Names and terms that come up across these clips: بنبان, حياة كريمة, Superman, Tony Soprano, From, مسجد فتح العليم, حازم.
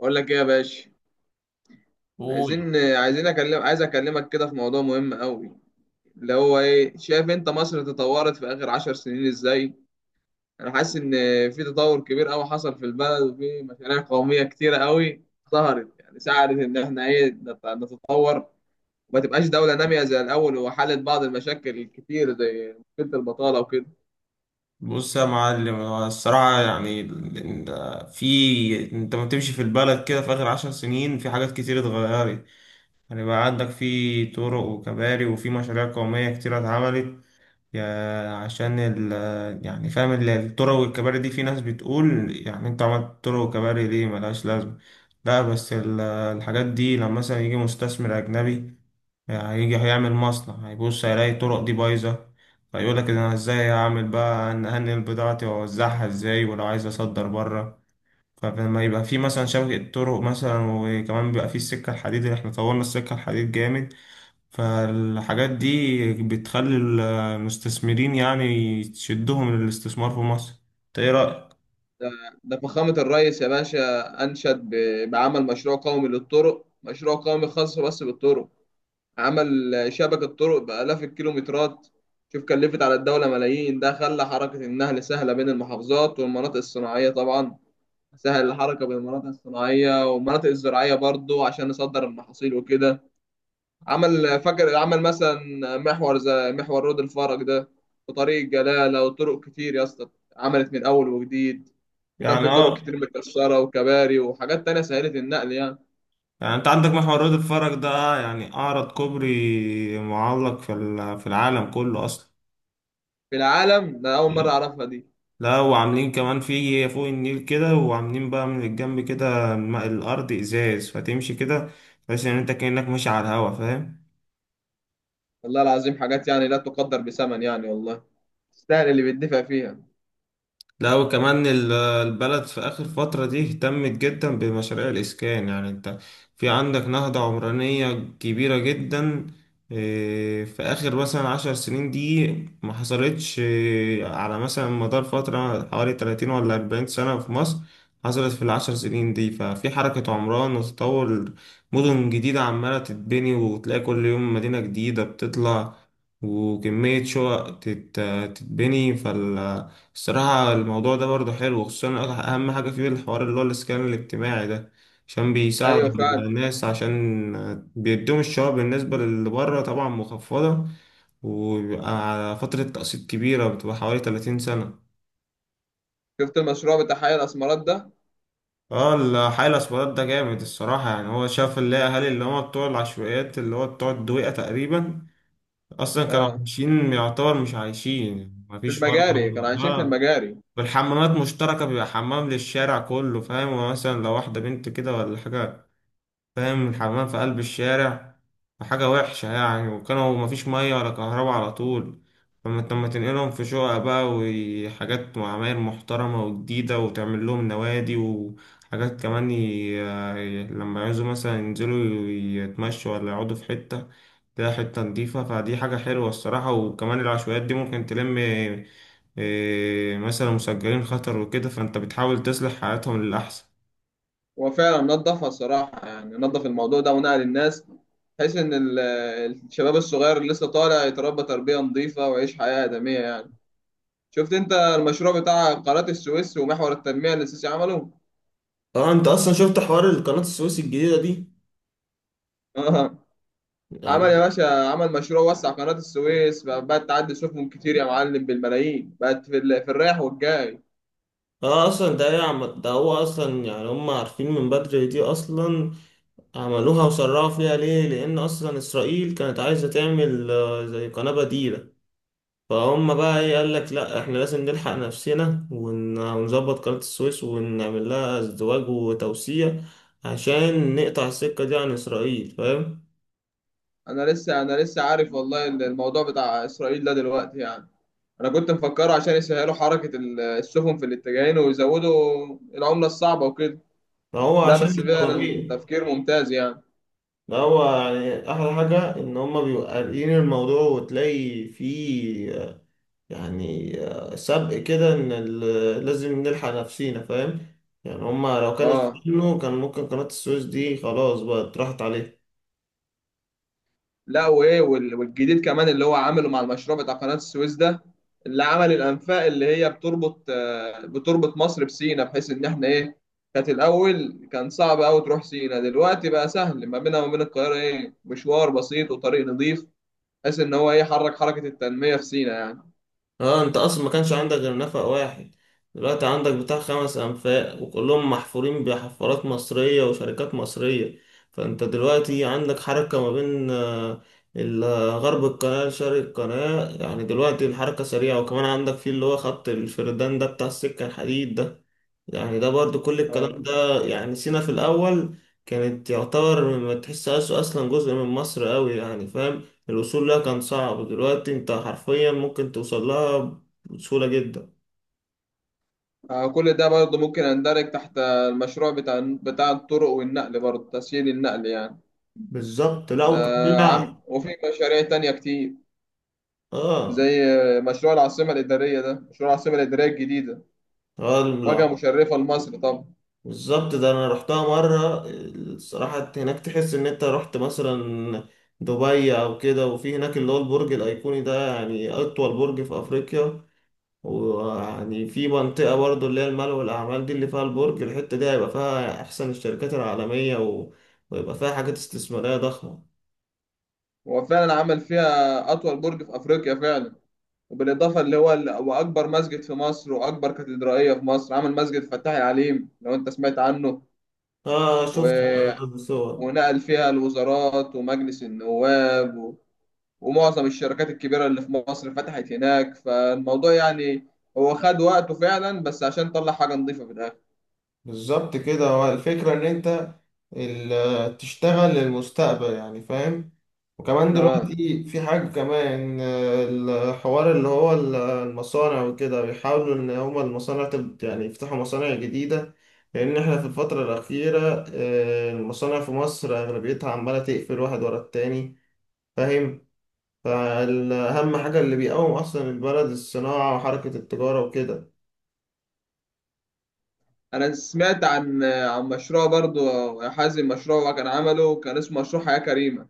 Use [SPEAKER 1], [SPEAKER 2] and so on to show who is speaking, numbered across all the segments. [SPEAKER 1] اقول لك ايه يا باشا؟
[SPEAKER 2] قول.
[SPEAKER 1] عايزين عايزين اكلم عايز اكلمك كده في موضوع مهم قوي. اللي هو ايه، شايف انت مصر تطورت في اخر 10 سنين ازاي؟ انا حاسس ان في تطور كبير قوي حصل في البلد، وفي مشاريع قوميه كتيره قوي ظهرت، يعني ساعدت ان احنا ايه نتطور، وما تبقاش دوله ناميه زي الاول، وحلت بعض المشاكل الكتير زي مشكله البطاله وكده.
[SPEAKER 2] بص يا معلم، هو الصراحة يعني ال- ال- في انت ما بتمشي في البلد كده في آخر 10 سنين، في حاجات كتير اتغيرت. يعني بقى عندك في طرق وكباري وفي مشاريع قومية كتير اتعملت. يا- عشان ال يعني فاهم، الطرق والكباري دي في ناس بتقول يعني انت عملت طرق وكباري ليه ملهاش لازمة. لا بس الحاجات دي لما مثلا يجي مستثمر أجنبي هيجي هيعمل مصنع، هيبص هيلاقي الطرق دي بايظة، فيقول لك انا ازاي هعمل بقى، ان هنقل بضاعتي واوزعها ازاي، ولو عايز اصدر بره. فلما يبقى في مثلا شبكة طرق، مثلا، وكمان بيبقى في السكة الحديد، اللي احنا طورنا السكة الحديد جامد، فالحاجات دي بتخلي المستثمرين يعني تشدهم للاستثمار في مصر. انت ايه رأيك؟
[SPEAKER 1] ده, ده فخامه الرئيس يا باشا انشد بعمل مشروع قومي للطرق، مشروع قومي خاص بس بالطرق. عمل شبكة طرق بآلاف الكيلومترات. شوف كلفت على الدولة ملايين، ده خلى حركة النقل سهلة بين المحافظات والمناطق الصناعية طبعا، سهل الحركة بين المناطق الصناعية والمناطق الزراعية برضو عشان نصدر المحاصيل وكده. فاكر عمل مثلا محور زي محور رود الفرج ده، وطريق الجلالة، وطرق كتير يا اسطى. عملت من أول وجديد، وكان
[SPEAKER 2] يعني
[SPEAKER 1] في طرق
[SPEAKER 2] اه،
[SPEAKER 1] كتير متكسرة وكباري وحاجات تانية سهلت النقل يعني.
[SPEAKER 2] يعني انت عندك محور رياض الفرج ده، يعني اعرض كوبري معلق في العالم كله اصلا.
[SPEAKER 1] في العالم ده أول مرة أعرفها دي.
[SPEAKER 2] لا، وعاملين كمان في فوق النيل كده، وعاملين بقى من الجنب كده، الأرض إزاز فتمشي كده تحس إن أنت كأنك ماشي على الهوا، فاهم.
[SPEAKER 1] والله العظيم حاجات يعني لا تقدر بثمن يعني، والله تستاهل اللي بيدفع فيها.
[SPEAKER 2] لا، وكمان البلد في آخر فترة دي اهتمت جدا بمشاريع الإسكان. يعني أنت في عندك نهضة عمرانية كبيرة جدا، في آخر مثلا 10 سنين دي ما حصلتش، على مثلا مدار فترة حوالي 30 ولا 40 سنة في مصر، حصلت في ال10 سنين دي. ففي حركة عمران وتطور، مدن جديدة عمالة تتبني وتلاقي كل يوم مدينة جديدة بتطلع، وكمية شقق تتبني. الصراحة الموضوع ده برضه حلو، خصوصا أهم حاجة فيه الحوار اللي هو الإسكان الاجتماعي ده، عشان بيساعدوا
[SPEAKER 1] ايوه فعلا.
[SPEAKER 2] الناس، عشان بيدوهم الشباب بالنسبة للي بره طبعا مخفضة، وبيبقى على فترة تقسيط كبيرة، بتبقى حوالي 30 سنة.
[SPEAKER 1] شفت المشروع بتاع حي الاسمرات ده؟
[SPEAKER 2] اه الحي الأسمرات ده جامد الصراحة، يعني هو شاف اللي هي أهالي، اللي هما بتوع العشوائيات اللي هو بتوع الدويقة تقريبا، أصلا كانوا
[SPEAKER 1] اه،
[SPEAKER 2] عايشين يعتبر مش عايشين،
[SPEAKER 1] في
[SPEAKER 2] مفيش فرق.
[SPEAKER 1] المجاري كانوا عايشين، في
[SPEAKER 2] اه،
[SPEAKER 1] المجاري.
[SPEAKER 2] والحمامات مشتركة، بيبقى حمام للشارع كله، فاهم، ومثلا لو واحدة بنت كده ولا حاجة، فاهم، الحمام في قلب الشارع، فحاجة وحشة يعني. وكانوا مفيش مية ولا كهرباء على طول. فما انت لما تنقلهم في شقق بقى وحاجات وعماير محترمة وجديدة، وتعمل لهم نوادي وحاجات كمان، لما يعوزوا مثلا ينزلوا يتمشوا ولا يقعدوا في حتة، تلاقي حتة نضيفة، فدي حاجة حلوة الصراحة. وكمان العشوائيات دي ممكن تلم إيه، مثلا مسجلين خطر وكده، فانت بتحاول تصلح حياتهم للأحسن.
[SPEAKER 1] هو فعلا نظفها الصراحه، يعني نظف الموضوع ده ونقل الناس، بحيث ان الشباب الصغير اللي لسه طالع يتربى تربيه نظيفه ويعيش حياه ادميه يعني. شفت انت المشروع بتاع قناه السويس ومحور التنميه اللي السيسي عمله؟
[SPEAKER 2] اه انت اصلا شفت حوار القناة السويس الجديدة دي؟
[SPEAKER 1] عمل يا
[SPEAKER 2] يعني
[SPEAKER 1] باشا، عمل مشروع وسع قناة السويس، بقت تعدي سفن كتير يا معلم بالملايين، بقت في الرايح والجاي.
[SPEAKER 2] اه اصلا ده هو اصلا يعني هم عارفين من بدري دي اصلا. عملوها وسرعوا فيها ليه؟ لان اصلا اسرائيل كانت عايزة تعمل زي قناة بديلة، فهم بقى ايه، قال لك لا احنا لازم نلحق نفسنا ونظبط قناة السويس ونعمل لها ازدواج وتوسيع عشان نقطع السكة دي عن اسرائيل، فاهم.
[SPEAKER 1] انا لسه عارف والله الموضوع بتاع اسرائيل ده دلوقتي يعني. انا كنت مفكره عشان يسهلوا حركة السفن في الاتجاهين ويزودوا العملة الصعبة وكده.
[SPEAKER 2] ده هو
[SPEAKER 1] لا
[SPEAKER 2] عشان
[SPEAKER 1] بس
[SPEAKER 2] مش
[SPEAKER 1] فعلا
[SPEAKER 2] طالبين.
[SPEAKER 1] تفكير ممتاز يعني.
[SPEAKER 2] ده هو يعني أحلى حاجة إن هما بيبقوا قاريين الموضوع وتلاقي فيه يعني سبق كده إن لازم نلحق نفسينا، فاهم. يعني هما لو كانوا
[SPEAKER 1] اه،
[SPEAKER 2] استنوا كان ممكن قناة السويس دي خلاص بقى راحت عليه.
[SPEAKER 1] لا وايه، والجديد كمان اللي هو عامله مع المشروع بتاع قناة السويس ده، اللي عمل الانفاق اللي هي بتربط، بتربط مصر بسينا، بحيث ان احنا ايه، كانت الاول كان صعب قوي تروح سينا، دلوقتي بقى سهل ما بينها وما بين القاهرة، ايه، مشوار بسيط وطريق نظيف، بحيث ان هو ايه حرك حركة التنمية في سينا يعني.
[SPEAKER 2] اه انت اصلا ما كانش عندك غير نفق واحد، دلوقتي عندك بتاع 5 انفاق وكلهم محفورين بحفارات مصرية وشركات مصرية. فانت دلوقتي عندك حركة ما بين ال- غرب القناة لشرق القناة، يعني دلوقتي الحركة سريعة. وكمان عندك في اللي هو خط الفردان ده بتاع السكة الحديد ده. يعني ده برضو كل الكلام
[SPEAKER 1] آه.
[SPEAKER 2] ده، يعني سينا في الأول كانت يعتبر ما تحسهاش أصلا جزء من مصر أوي، يعني فاهم، الوصول لها كان صعب، دلوقتي أنت حرفيا ممكن توصل لها بسهولة جدا.
[SPEAKER 1] كل ده برضه ممكن يندرج تحت المشروع بتاع الطرق والنقل، برضه تسهيل النقل يعني.
[SPEAKER 2] بالظبط. لا
[SPEAKER 1] ده
[SPEAKER 2] وكمان
[SPEAKER 1] وفي مشاريع تانية كتير
[SPEAKER 2] اه.
[SPEAKER 1] زي مشروع العاصمة الإدارية ده، مشروع العاصمة الإدارية الجديدة،
[SPEAKER 2] اه. لا
[SPEAKER 1] واجهة مشرفة لمصر طبعا.
[SPEAKER 2] بالظبط، ده أنا رحتها مرة، الصراحة هناك تحس إن أنت رحت مثلا دبي أو كده. وفي هناك اللي هو البرج الأيقوني ده، يعني أطول برج في أفريقيا، ويعني في منطقة برضو اللي هي المال والأعمال دي، اللي فيها البرج، الحتة دي هيبقى فيها أحسن الشركات العالمية ويبقى فيها حاجات استثمارية ضخمة.
[SPEAKER 1] هو فعلا عمل فيها أطول برج في أفريقيا فعلا، وبالإضافة اللي هو وأكبر مسجد في مصر وأكبر كاتدرائية في مصر. عمل مسجد فتح العليم لو أنت سمعت عنه،
[SPEAKER 2] آه
[SPEAKER 1] و...
[SPEAKER 2] شفت الصور.
[SPEAKER 1] ونقل فيها الوزارات ومجلس النواب، ومعظم الشركات الكبيرة اللي في مصر فتحت هناك. فالموضوع يعني هو خد وقته فعلا، بس عشان طلع حاجة نظيفة في الآخر.
[SPEAKER 2] بالظبط كده، هو الفكرة إن أنت تشتغل للمستقبل، يعني فاهم. وكمان
[SPEAKER 1] آه.
[SPEAKER 2] دلوقتي في حاجة كمان، الحوار اللي هو المصانع وكده، بيحاولوا إن هما المصانع يعني يفتحوا مصانع جديدة، لأن إحنا في الفترة الأخيرة المصانع في مصر أغلبيتها عمالة تقفل واحد ورا التاني، فاهم، فأهم حاجة اللي بيقوم أصلا البلد الصناعة وحركة التجارة وكده.
[SPEAKER 1] انا سمعت عن مشروع برضو يا حازم، مشروع كان عمله كان اسمه مشروع حياة كريمة.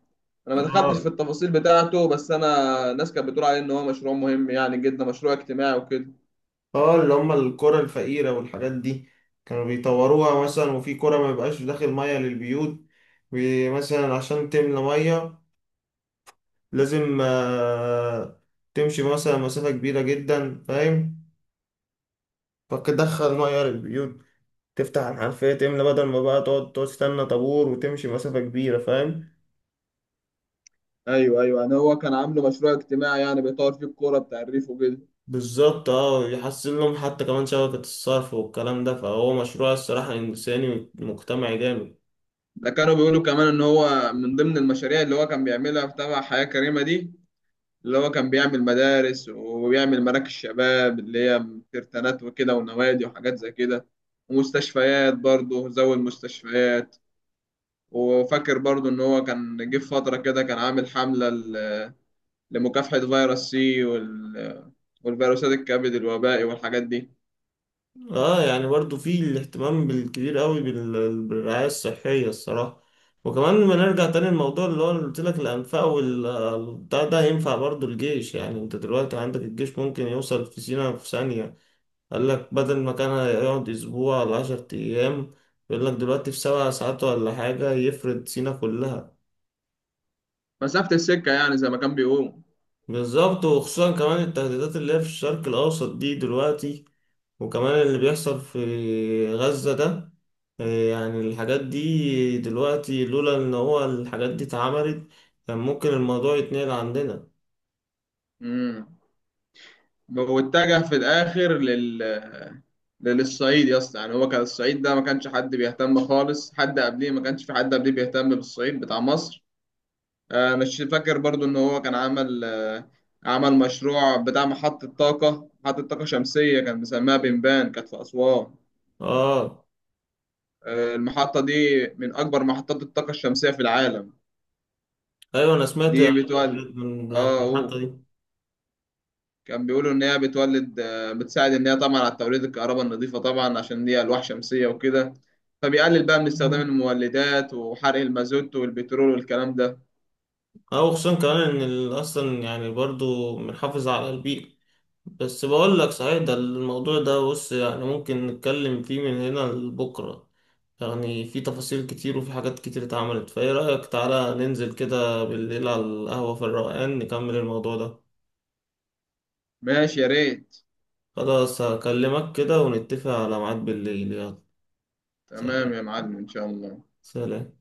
[SPEAKER 1] انا ما دخلتش في التفاصيل بتاعته، بس انا الناس كانت بتقول عليه ان هو مشروع مهم يعني جدا، مشروع اجتماعي وكده.
[SPEAKER 2] اه اللي هم القرى الفقيرة والحاجات دي، كانوا بيطوروها مثلا. وفي قرى ما يبقاش داخل مية للبيوت، مثلا عشان تملى مية لازم تمشي مثلا مسافة كبيرة جدا، فاهم، فتدخل مية للبيوت، تفتح الحنفية تملى، بدل ما بقى تقعد تستنى طابور وتمشي مسافة كبيرة، فاهم.
[SPEAKER 1] ايوه ايوه، يعني هو كان عامله مشروع اجتماعي يعني بيطور فيه الكوره بتعريف وكده.
[SPEAKER 2] بالظبط، اه، يحسن لهم حتى كمان شبكة الصرف والكلام ده، فهو مشروع الصراحة إنساني ومجتمعي جامد.
[SPEAKER 1] ده كانوا بيقولوا كمان ان هو من ضمن المشاريع اللي هو كان بيعملها في تبع حياة كريمة دي، اللي هو كان بيعمل مدارس، وبيعمل مراكز شباب اللي هي كرتانات وكده، ونوادي وحاجات زي كده. ومستشفيات برضه، زود مستشفيات. وفاكر برضه إن هو كان جه في فترة كده كان عامل حملة لمكافحة فيروس C والفيروسات الكبد الوبائي والحاجات دي.
[SPEAKER 2] اه، يعني برضو في الاهتمام بالكبير قوي بالرعاية الصحية الصراحة. وكمان لما نرجع تاني الموضوع اللي هو اللي قلت لك الأنفاق والبتاع ده، ينفع برضو الجيش، يعني انت دلوقتي عندك الجيش ممكن يوصل في سينا في ثانية، قال لك بدل ما كان هيقعد أسبوع ولا 10 أيام، يقول لك دلوقتي في 7 ساعات ولا حاجة يفرد سينا كلها.
[SPEAKER 1] مسافة السكة يعني زي ما كان بيقول.
[SPEAKER 2] بالظبط، وخصوصا كمان التهديدات اللي هي في الشرق الأوسط دي دلوقتي، وكمان اللي بيحصل في غزة ده، يعني الحاجات دي دلوقتي لولا ان هو الحاجات دي اتعملت كان ممكن الموضوع يتنقل عندنا.
[SPEAKER 1] مم. واتجه في الاخر للصعيد يا اسطى، يعني هو كان الصعيد ده ما كانش حد بيهتم خالص، حد قبليه ما كانش في حد قبليه بيهتم بالصعيد بتاع مصر. مش فاكر برضو ان هو كان عمل، عمل مشروع بتاع محطة طاقة، محطة طاقة شمسية كان مسميها بنبان كانت في أسوان.
[SPEAKER 2] اه،
[SPEAKER 1] المحطة دي من أكبر محطات الطاقة الشمسية في العالم.
[SPEAKER 2] ايوه انا سمعت
[SPEAKER 1] دي بتولد
[SPEAKER 2] من، عن
[SPEAKER 1] اه.
[SPEAKER 2] المحطة
[SPEAKER 1] أوه.
[SPEAKER 2] دي.
[SPEAKER 1] كان بيقولوا ان هي بتولد، بتساعد ان هي طبعا على توليد الكهرباء النظيفه طبعا عشان هي الواح شمسيه وكده، فبيقلل بقى من استخدام المولدات وحرق المازوت والبترول والكلام ده.
[SPEAKER 2] اه، وخصوصا كمان ان اصلا يعني برضو بنحافظ على البيئة. بس بقول لك صحيح، ده الموضوع ده بص يعني ممكن نتكلم فيه من هنا لبكرة، يعني في تفاصيل كتير وفي حاجات كتير اتعملت. فايه رأيك، تعالى ننزل كده بالليل على القهوة في الروقان، نكمل الموضوع ده.
[SPEAKER 1] ماشي يا ريت.
[SPEAKER 2] خلاص، هكلمك كده ونتفق على ميعاد بالليل، يلا.
[SPEAKER 1] تمام
[SPEAKER 2] سلام.
[SPEAKER 1] يا معلم، ان شاء الله.
[SPEAKER 2] سلام.